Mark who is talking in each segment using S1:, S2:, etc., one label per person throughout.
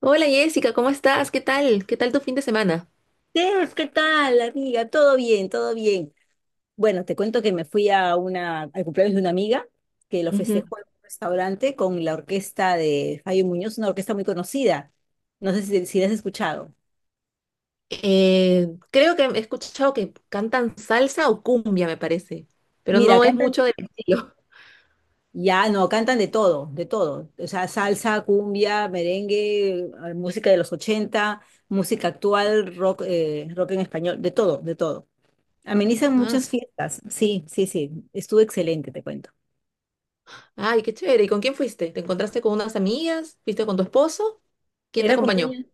S1: Hola Jessica, ¿cómo estás? ¿Qué tal? ¿Qué tal tu fin de semana?
S2: Steph, ¿qué tal, amiga? Todo bien, todo bien. Bueno, te cuento que me fui a una, al cumpleaños de una amiga que lo
S1: Ujú.
S2: festejó en un restaurante con la orquesta de Fabio Muñoz, una orquesta muy conocida. No sé si la has escuchado.
S1: Creo que he escuchado que cantan salsa o cumbia, me parece, pero
S2: Mira,
S1: no es
S2: cantan,
S1: mucho del estilo.
S2: ya no, cantan de todo, de todo. O sea, salsa, cumbia, merengue, música de los 80, música actual, rock, rock en español, de todo, de todo. Amenizan
S1: Ah, su-
S2: muchas fiestas. Sí, sí, sí. Estuvo excelente, te cuento.
S1: Ay, qué chévere. ¿Y con quién fuiste? ¿Te encontraste con unas amigas? ¿Fuiste con tu esposo? ¿Quién te
S2: Era
S1: acompañó?
S2: cumpleaños.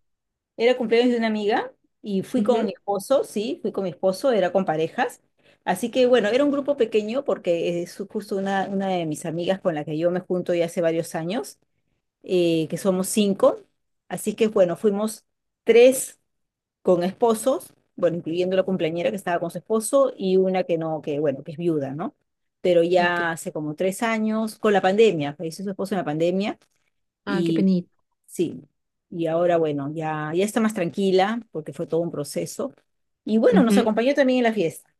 S2: Era cumpleaños de una amiga y fui con
S1: Ujú.
S2: mi esposo, sí, fui con mi esposo, era con parejas. Así que bueno, era un grupo pequeño porque es justo una de mis amigas con la que yo me junto ya hace varios años, que somos cinco. Así que bueno, fuimos tres con esposos, bueno, incluyendo la cumpleañera que estaba con su esposo y una que no, que bueno, que es viuda, ¿no? Pero
S1: Ok.
S2: ya hace como tres años, con la pandemia, falleció su esposo en la pandemia
S1: Ah, qué
S2: y
S1: penita.
S2: sí, y ahora bueno, ya está más tranquila porque fue todo un proceso. Y bueno, nos
S1: Ujú.
S2: acompañó también en la fiesta.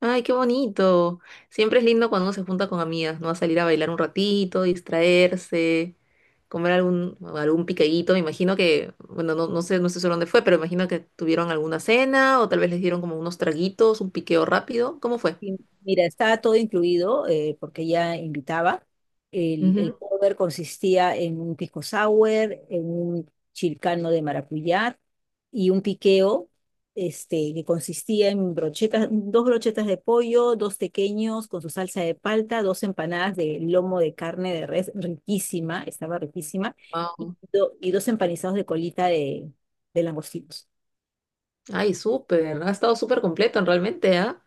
S1: Ay, qué bonito. Siempre es lindo cuando uno se junta con amigas, ¿no? A salir a bailar un ratito, distraerse. Comer algún picadito. Me imagino que, bueno, no sé seguro dónde fue, pero me imagino que tuvieron alguna cena o tal vez les dieron como unos traguitos, un piqueo rápido. ¿Cómo fue?
S2: Sí, mira, estaba todo incluido porque ella invitaba. El
S1: Ujú.
S2: cover consistía en un pisco sour, en un chilcano de maracuyá y un piqueo este, que consistía en brochetas, dos brochetas de pollo, dos tequeños con su salsa de palta, dos empanadas de lomo de carne de res, riquísima, estaba riquísima, y dos empanizados de colita de langostinos.
S1: Ay, súper, ha estado súper completo realmente, ¿ah?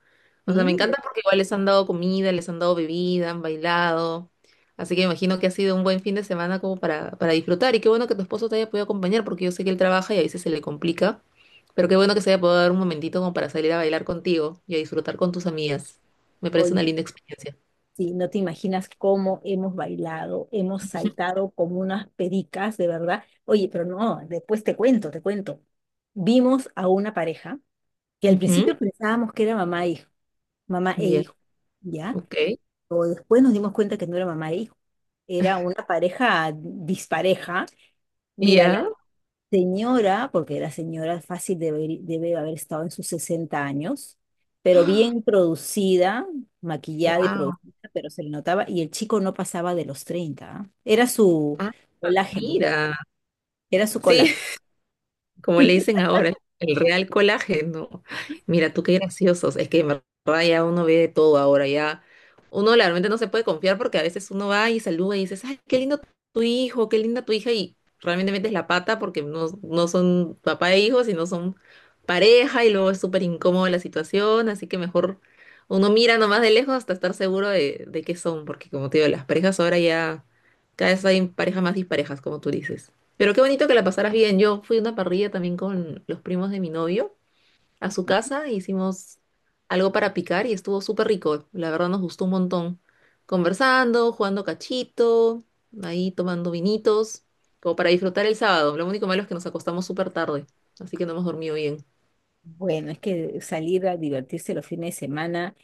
S1: O sea, me
S2: Sí,
S1: encanta porque igual les han dado comida, les han dado bebida, han bailado. Así que me imagino que ha sido un buen fin de semana como para disfrutar. Y qué bueno que tu esposo te haya podido acompañar, porque yo sé que él trabaja y a veces se le complica. Pero qué bueno que se haya podido dar un momentito como para salir a bailar contigo y a disfrutar con tus amigas. Me parece una
S2: oye,
S1: linda experiencia.
S2: sí, no te imaginas cómo hemos bailado, hemos saltado como unas pericas, de verdad. Oye, pero no, después te cuento, te cuento. Vimos a una pareja que al
S1: Ujú.
S2: principio pensábamos que era mamá e
S1: Ya,
S2: hijo, ¿ya?
S1: ok.
S2: Pero después nos dimos cuenta que no era mamá e hijo, era una pareja dispareja. Mira, la
S1: Ya,
S2: señora, porque la señora fácil debe, debe haber estado en sus 60 años, pero bien producida, maquillada y
S1: wow.
S2: producida, pero se le notaba, y el chico no pasaba de los 30. ¿Ah? Era su
S1: Ah,
S2: colágeno,
S1: mira.
S2: era su
S1: Sí,
S2: colágeno.
S1: como le dicen ahora, el real colágeno. Mira, tú qué graciosos. Es que en verdad ya uno ve de todo ahora, ya uno realmente no se puede confiar porque a veces uno va y saluda y dices, ay, qué lindo tu hijo, qué linda tu hija, y realmente metes la pata porque no son papá e hijo, sino son pareja y luego es súper incómoda la situación, así que mejor uno mira nomás de lejos hasta estar seguro de qué son, porque como te digo, las parejas ahora ya cada vez hay parejas más disparejas, como tú dices. Pero qué bonito que la pasaras bien. Yo fui a una parrilla también con los primos de mi novio a su casa, e hicimos algo para picar y estuvo súper rico. La verdad nos gustó un montón. Conversando, jugando cachito, ahí tomando vinitos, como para disfrutar el sábado. Lo único malo es que nos acostamos súper tarde, así que no hemos dormido bien.
S2: Bueno, es que salir a divertirse los fines de semana,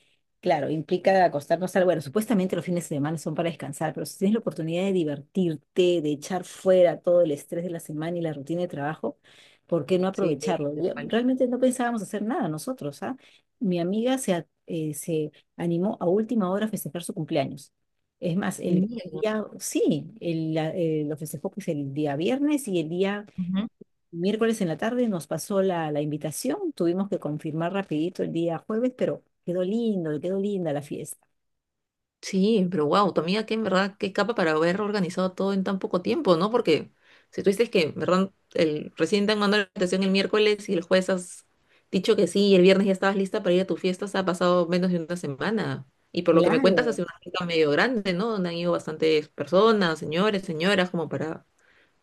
S2: claro, implica acostarnos al... Bueno, supuestamente los fines de semana son para descansar, pero si tienes la oportunidad de divertirte, de echar fuera todo el estrés de la semana y la rutina de trabajo, ¿por qué no
S1: Sí,
S2: aprovecharlo?
S1: tal cual.
S2: Realmente no pensábamos hacer nada nosotros, ¿ah? Mi amiga se animó a última hora a festejar su cumpleaños. Es más, el
S1: Bien.
S2: día, sí, el, la- lo festejó pues el día viernes y el día
S1: Ujú.
S2: miércoles en la tarde nos pasó la invitación, tuvimos que confirmar rapidito el día jueves, pero quedó lindo, quedó linda la fiesta.
S1: Sí, pero wow, tu amiga que en verdad, qué capa para haber organizado todo en tan poco tiempo, ¿no? Porque si tú dices que, en verdad, el, recién te han mandado la invitación el miércoles y el jueves has dicho que sí y el viernes ya estabas lista para ir a tu fiesta, se ha pasado menos de una semana. Y por lo que me cuentas,
S2: Claro.
S1: hace una fiesta medio grande, ¿no? Donde han ido bastantes personas, señores, señoras, como para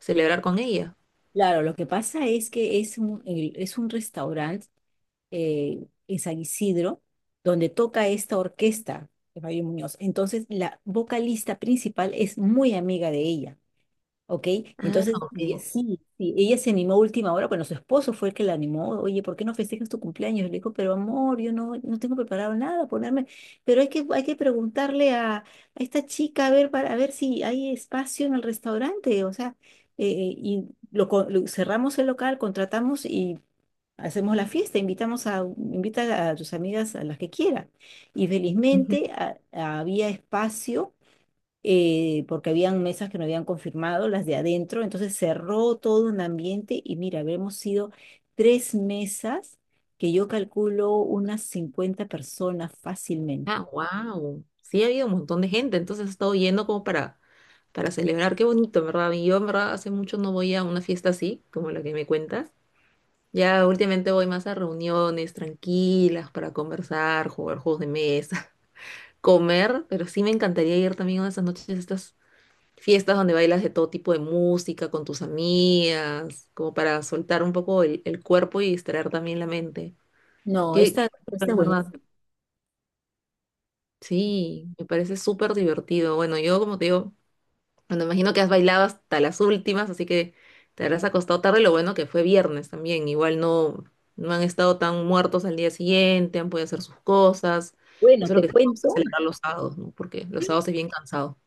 S1: celebrar con ella.
S2: Claro, lo que pasa es que es es un restaurante eh, en San Isidro donde toca esta orquesta de Mario Muñoz. Entonces, la vocalista principal es muy amiga de ella. ¿Ok?
S1: Ah,
S2: Entonces,
S1: ok.
S2: sí, sí, ella se animó a última hora, bueno, su esposo fue el que la animó, oye, ¿por qué no festejas tu cumpleaños? Y le dijo, pero amor, yo no tengo preparado nada, ponerme, pero hay que preguntarle a esta chica a ver, para, a ver si hay espacio en el restaurante, o sea, eh, y cerramos el local, contratamos y hacemos la fiesta, invita a tus amigas a las que quiera. Y
S1: Ujú.
S2: felizmente había espacio porque habían mesas que no habían confirmado, las de adentro, entonces cerró todo un ambiente y mira, habremos sido tres mesas que yo calculo unas 50 personas fácilmente.
S1: Ah, wow. Sí, ha habido un montón de gente, entonces ha estado yendo como para celebrar. Qué bonito, ¿verdad? Y yo, en verdad, hace mucho no voy a una fiesta así, como la que me cuentas. Ya últimamente voy más a reuniones tranquilas para conversar, jugar juegos de mesa, comer, pero sí me encantaría ir también a esas noches, a estas fiestas donde bailas de todo tipo de música con tus amigas, como para soltar un poco el cuerpo y distraer también la mente.
S2: No,
S1: Qué, qué-
S2: esta es
S1: Verdad.
S2: buenísima.
S1: Sí, me parece súper divertido. Bueno, yo como te digo, Bueno, imagino que has bailado hasta las últimas, así que te habrás acostado tarde. Lo bueno que fue viernes también. Igual no han estado tan muertos al día siguiente, han podido hacer sus cosas.
S2: Bueno,
S1: Eso es lo
S2: te
S1: que tenemos que
S2: cuento.
S1: celebrar los sábados, ¿no? Porque los sábados es bien cansado.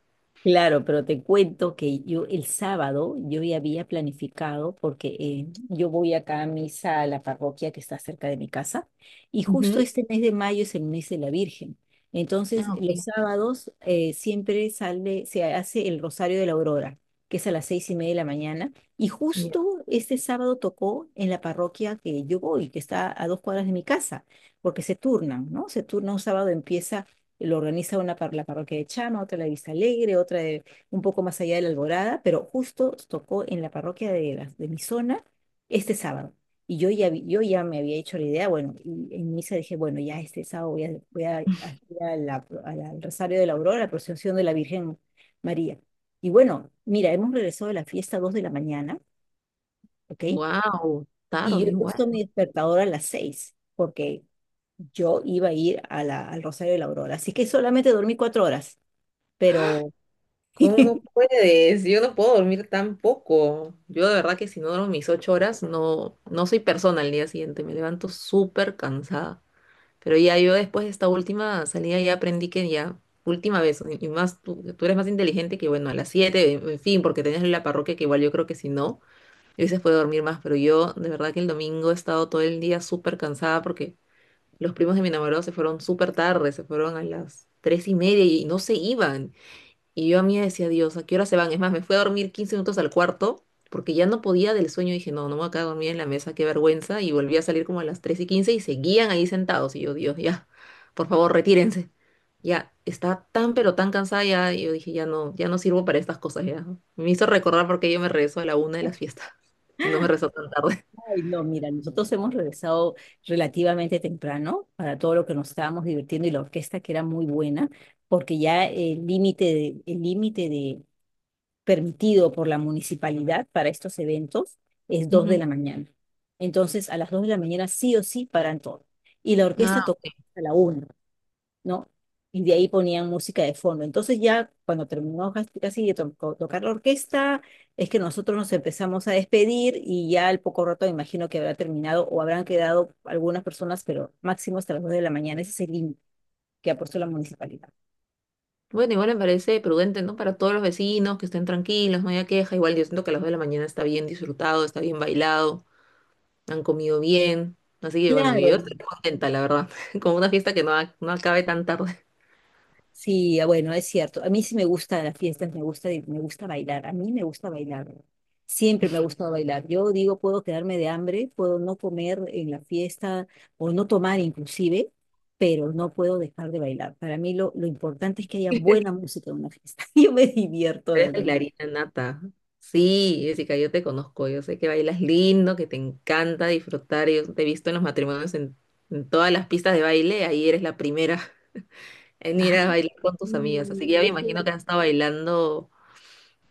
S2: Claro, pero te cuento que yo el sábado yo ya había planificado porque yo voy acá a misa a la parroquia que está cerca de mi casa y justo
S1: Ujú.
S2: este mes de mayo es el mes de la Virgen. Entonces
S1: Ah,
S2: los
S1: ok.
S2: sábados siempre sale, se hace el Rosario de la Aurora, que es a las seis y media de la mañana y
S1: Ya.
S2: justo este sábado tocó en la parroquia que yo voy, que está a dos cuadras de mi casa, porque se turnan, ¿no? Se turna un sábado empieza lo organiza la parroquia de Chama, otra la de Vista Alegre, un poco más allá de la Alborada, pero justo tocó en la parroquia de, de mi zona este sábado. Y yo ya, yo ya me había hecho la idea, bueno, y en misa dije, bueno, ya este sábado voy a, al Rosario de la Aurora, la procesión de la Virgen María. Y bueno, mira, hemos regresado a la fiesta a 2 de la mañana, ¿ok?
S1: Wow,
S2: Y yo
S1: tarde
S2: he puesto
S1: igual.
S2: mi despertador a las 6 porque yo iba a ir al Rosario de la Aurora. Así que solamente dormí cuatro horas pero,
S1: ¿Cómo puedes? Yo no puedo dormir tan poco. Yo de verdad que si no duermo mis 8 horas, no soy persona al día siguiente. Me levanto súper cansada. Pero ya yo después de esta última salida ya aprendí que ya, última vez, y más tú, tú eres más inteligente que bueno, a las 7 en fin, porque tenías la parroquia que igual yo creo que si no, yo se puede dormir más, pero yo de verdad que el domingo he estado todo el día súper cansada porque los primos de mi enamorado se fueron súper tarde, se fueron a las tres y media y no se iban, y yo a mí decía, Dios, ¿a qué hora se van? Es más, me fui a dormir 15 minutos al cuarto porque ya no podía del sueño. Dije, no me voy a quedar dormida en la mesa, qué vergüenza. Y volví a salir como a las 3 y 15 y seguían ahí sentados. Y yo, Dios, ya, por favor, retírense. Ya, estaba tan pero tan cansada ya. Y yo dije, ya no, ya no sirvo para estas cosas ya. Me hizo recordar porque yo me rezo a la una de las fiestas. Y no me rezo tan tarde.
S2: ay, no, mira, nosotros hemos regresado relativamente temprano para todo lo que nos estábamos divirtiendo y la orquesta que era muy buena, porque ya el límite de permitido por la municipalidad para estos eventos es dos de
S1: Ujú.
S2: la mañana. Entonces, a las 2 de la mañana sí o sí paran todo. Y la orquesta
S1: Ah,
S2: tocó a la una, ¿no? Y de ahí ponían música de fondo. Entonces ya cuando terminó casi de tocar la orquesta, es que nosotros nos empezamos a despedir y ya al poco rato me imagino que habrá terminado o habrán quedado algunas personas, pero máximo hasta las 2 de la mañana. Ese es el límite que ha puesto la municipalidad.
S1: bueno, igual me parece prudente, ¿no? Para todos los vecinos que estén tranquilos, no haya queja. Igual yo siento que a las 2 de la mañana está bien disfrutado, está bien bailado. Han comido bien. Así que bueno, yo
S2: Claro,
S1: estoy contenta, la verdad, como una fiesta que no acabe tan tarde.
S2: sí, ah, bueno, es cierto. A mí sí me gustan las fiestas, me gusta bailar. A mí me gusta bailar. Siempre me ha gustado bailar. Yo digo, puedo quedarme de hambre, puedo no comer en la fiesta o no tomar inclusive, pero no puedo dejar de bailar. Para mí lo importante es que haya buena música en una fiesta. Yo me divierto
S1: Eres
S2: de lo.
S1: bailarina nata. Sí, Jessica, yo te conozco, yo sé que bailas lindo, que te encanta disfrutar. Yo te he visto en los matrimonios en todas las pistas de baile, ahí eres la primera en ir a
S2: Ay,
S1: bailar con tus amigas. Así que ya me imagino que has estado bailando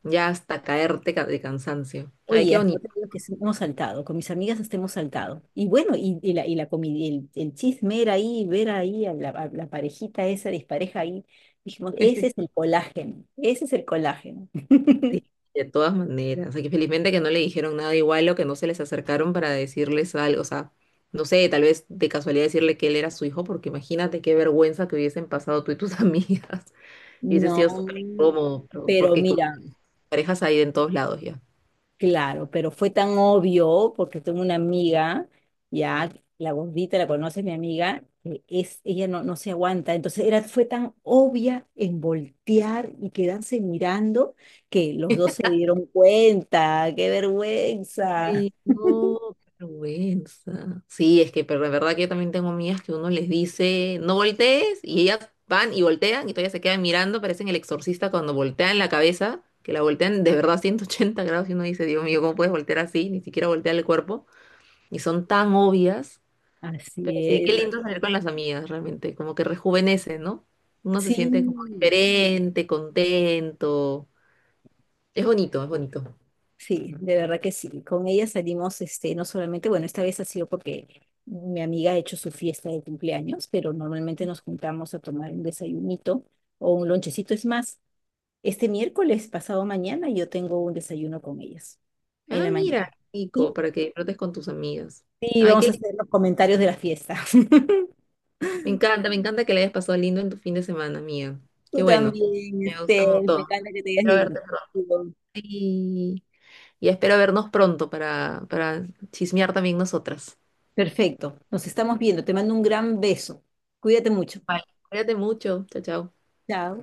S1: ya hasta de cansancio. Ay, qué
S2: oye, no
S1: bonito.
S2: te digo que sí, hemos saltado, con mis amigas hasta hemos saltado. Y bueno, y la el chisme era ahí, ver ahí a la parejita esa dispareja ahí. Dijimos, ese es el colágeno, ese es el colágeno.
S1: Sí, de todas maneras. Aquí felizmente que no le dijeron nada igual o que no se les acercaron para decirles algo. O sea, no sé, tal vez de casualidad decirle que él era su hijo, porque imagínate qué vergüenza que hubiesen pasado tú y tus amigas. Y hubiese sido
S2: No,
S1: súper incómodo,
S2: pero
S1: porque con
S2: mira.
S1: parejas hay en todos lados ya.
S2: Claro, pero fue tan obvio porque tengo una amiga, ya la gordita la conoce mi amiga, que es ella no se aguanta, entonces era fue tan obvia en voltear y quedarse mirando que los dos se dieron cuenta, qué vergüenza.
S1: Ay, no, qué vergüenza. Sí, es que pero de verdad que yo también tengo amigas que uno les dice, no voltees, y ellas van y voltean y todavía se quedan mirando, parecen el exorcista cuando voltean la cabeza, que la voltean de verdad 180 grados y uno dice, Dios mío, ¿cómo puedes voltear así? Ni siquiera voltear el cuerpo. Y son tan obvias, pero
S2: Así
S1: sí, qué
S2: es.
S1: lindo salir con las amigas, realmente, como que rejuvenece, ¿no? Uno se
S2: Sí,
S1: siente como diferente, contento. Es bonito, es bonito.
S2: sí, de verdad que sí. Con ella salimos, este, no solamente, bueno, esta vez ha sido porque mi amiga ha hecho su fiesta de cumpleaños, pero normalmente nos juntamos a tomar un desayunito o un lonchecito. Es más, este miércoles, pasado mañana, yo tengo un desayuno con ellas en
S1: Ah,
S2: la mañana.
S1: mira,
S2: Sí,
S1: Nico, para que disfrutes con tus amigas.
S2: sí,
S1: Ay,
S2: vamos a
S1: qué
S2: hacer los comentarios de la fiesta.
S1: Me encanta que le hayas pasado lindo en tu fin de semana, amiga. Qué
S2: Tú
S1: bueno.
S2: también,
S1: Me gusta un
S2: este, me
S1: montón.
S2: encanta que te hayas
S1: Espero
S2: divertido.
S1: verte pronto. Y, y espero vernos pronto para chismear también nosotras.
S2: Perfecto, nos estamos viendo. Te mando un gran beso. Cuídate mucho.
S1: Bye. Cuídate mucho. Chao, chao.
S2: Chao.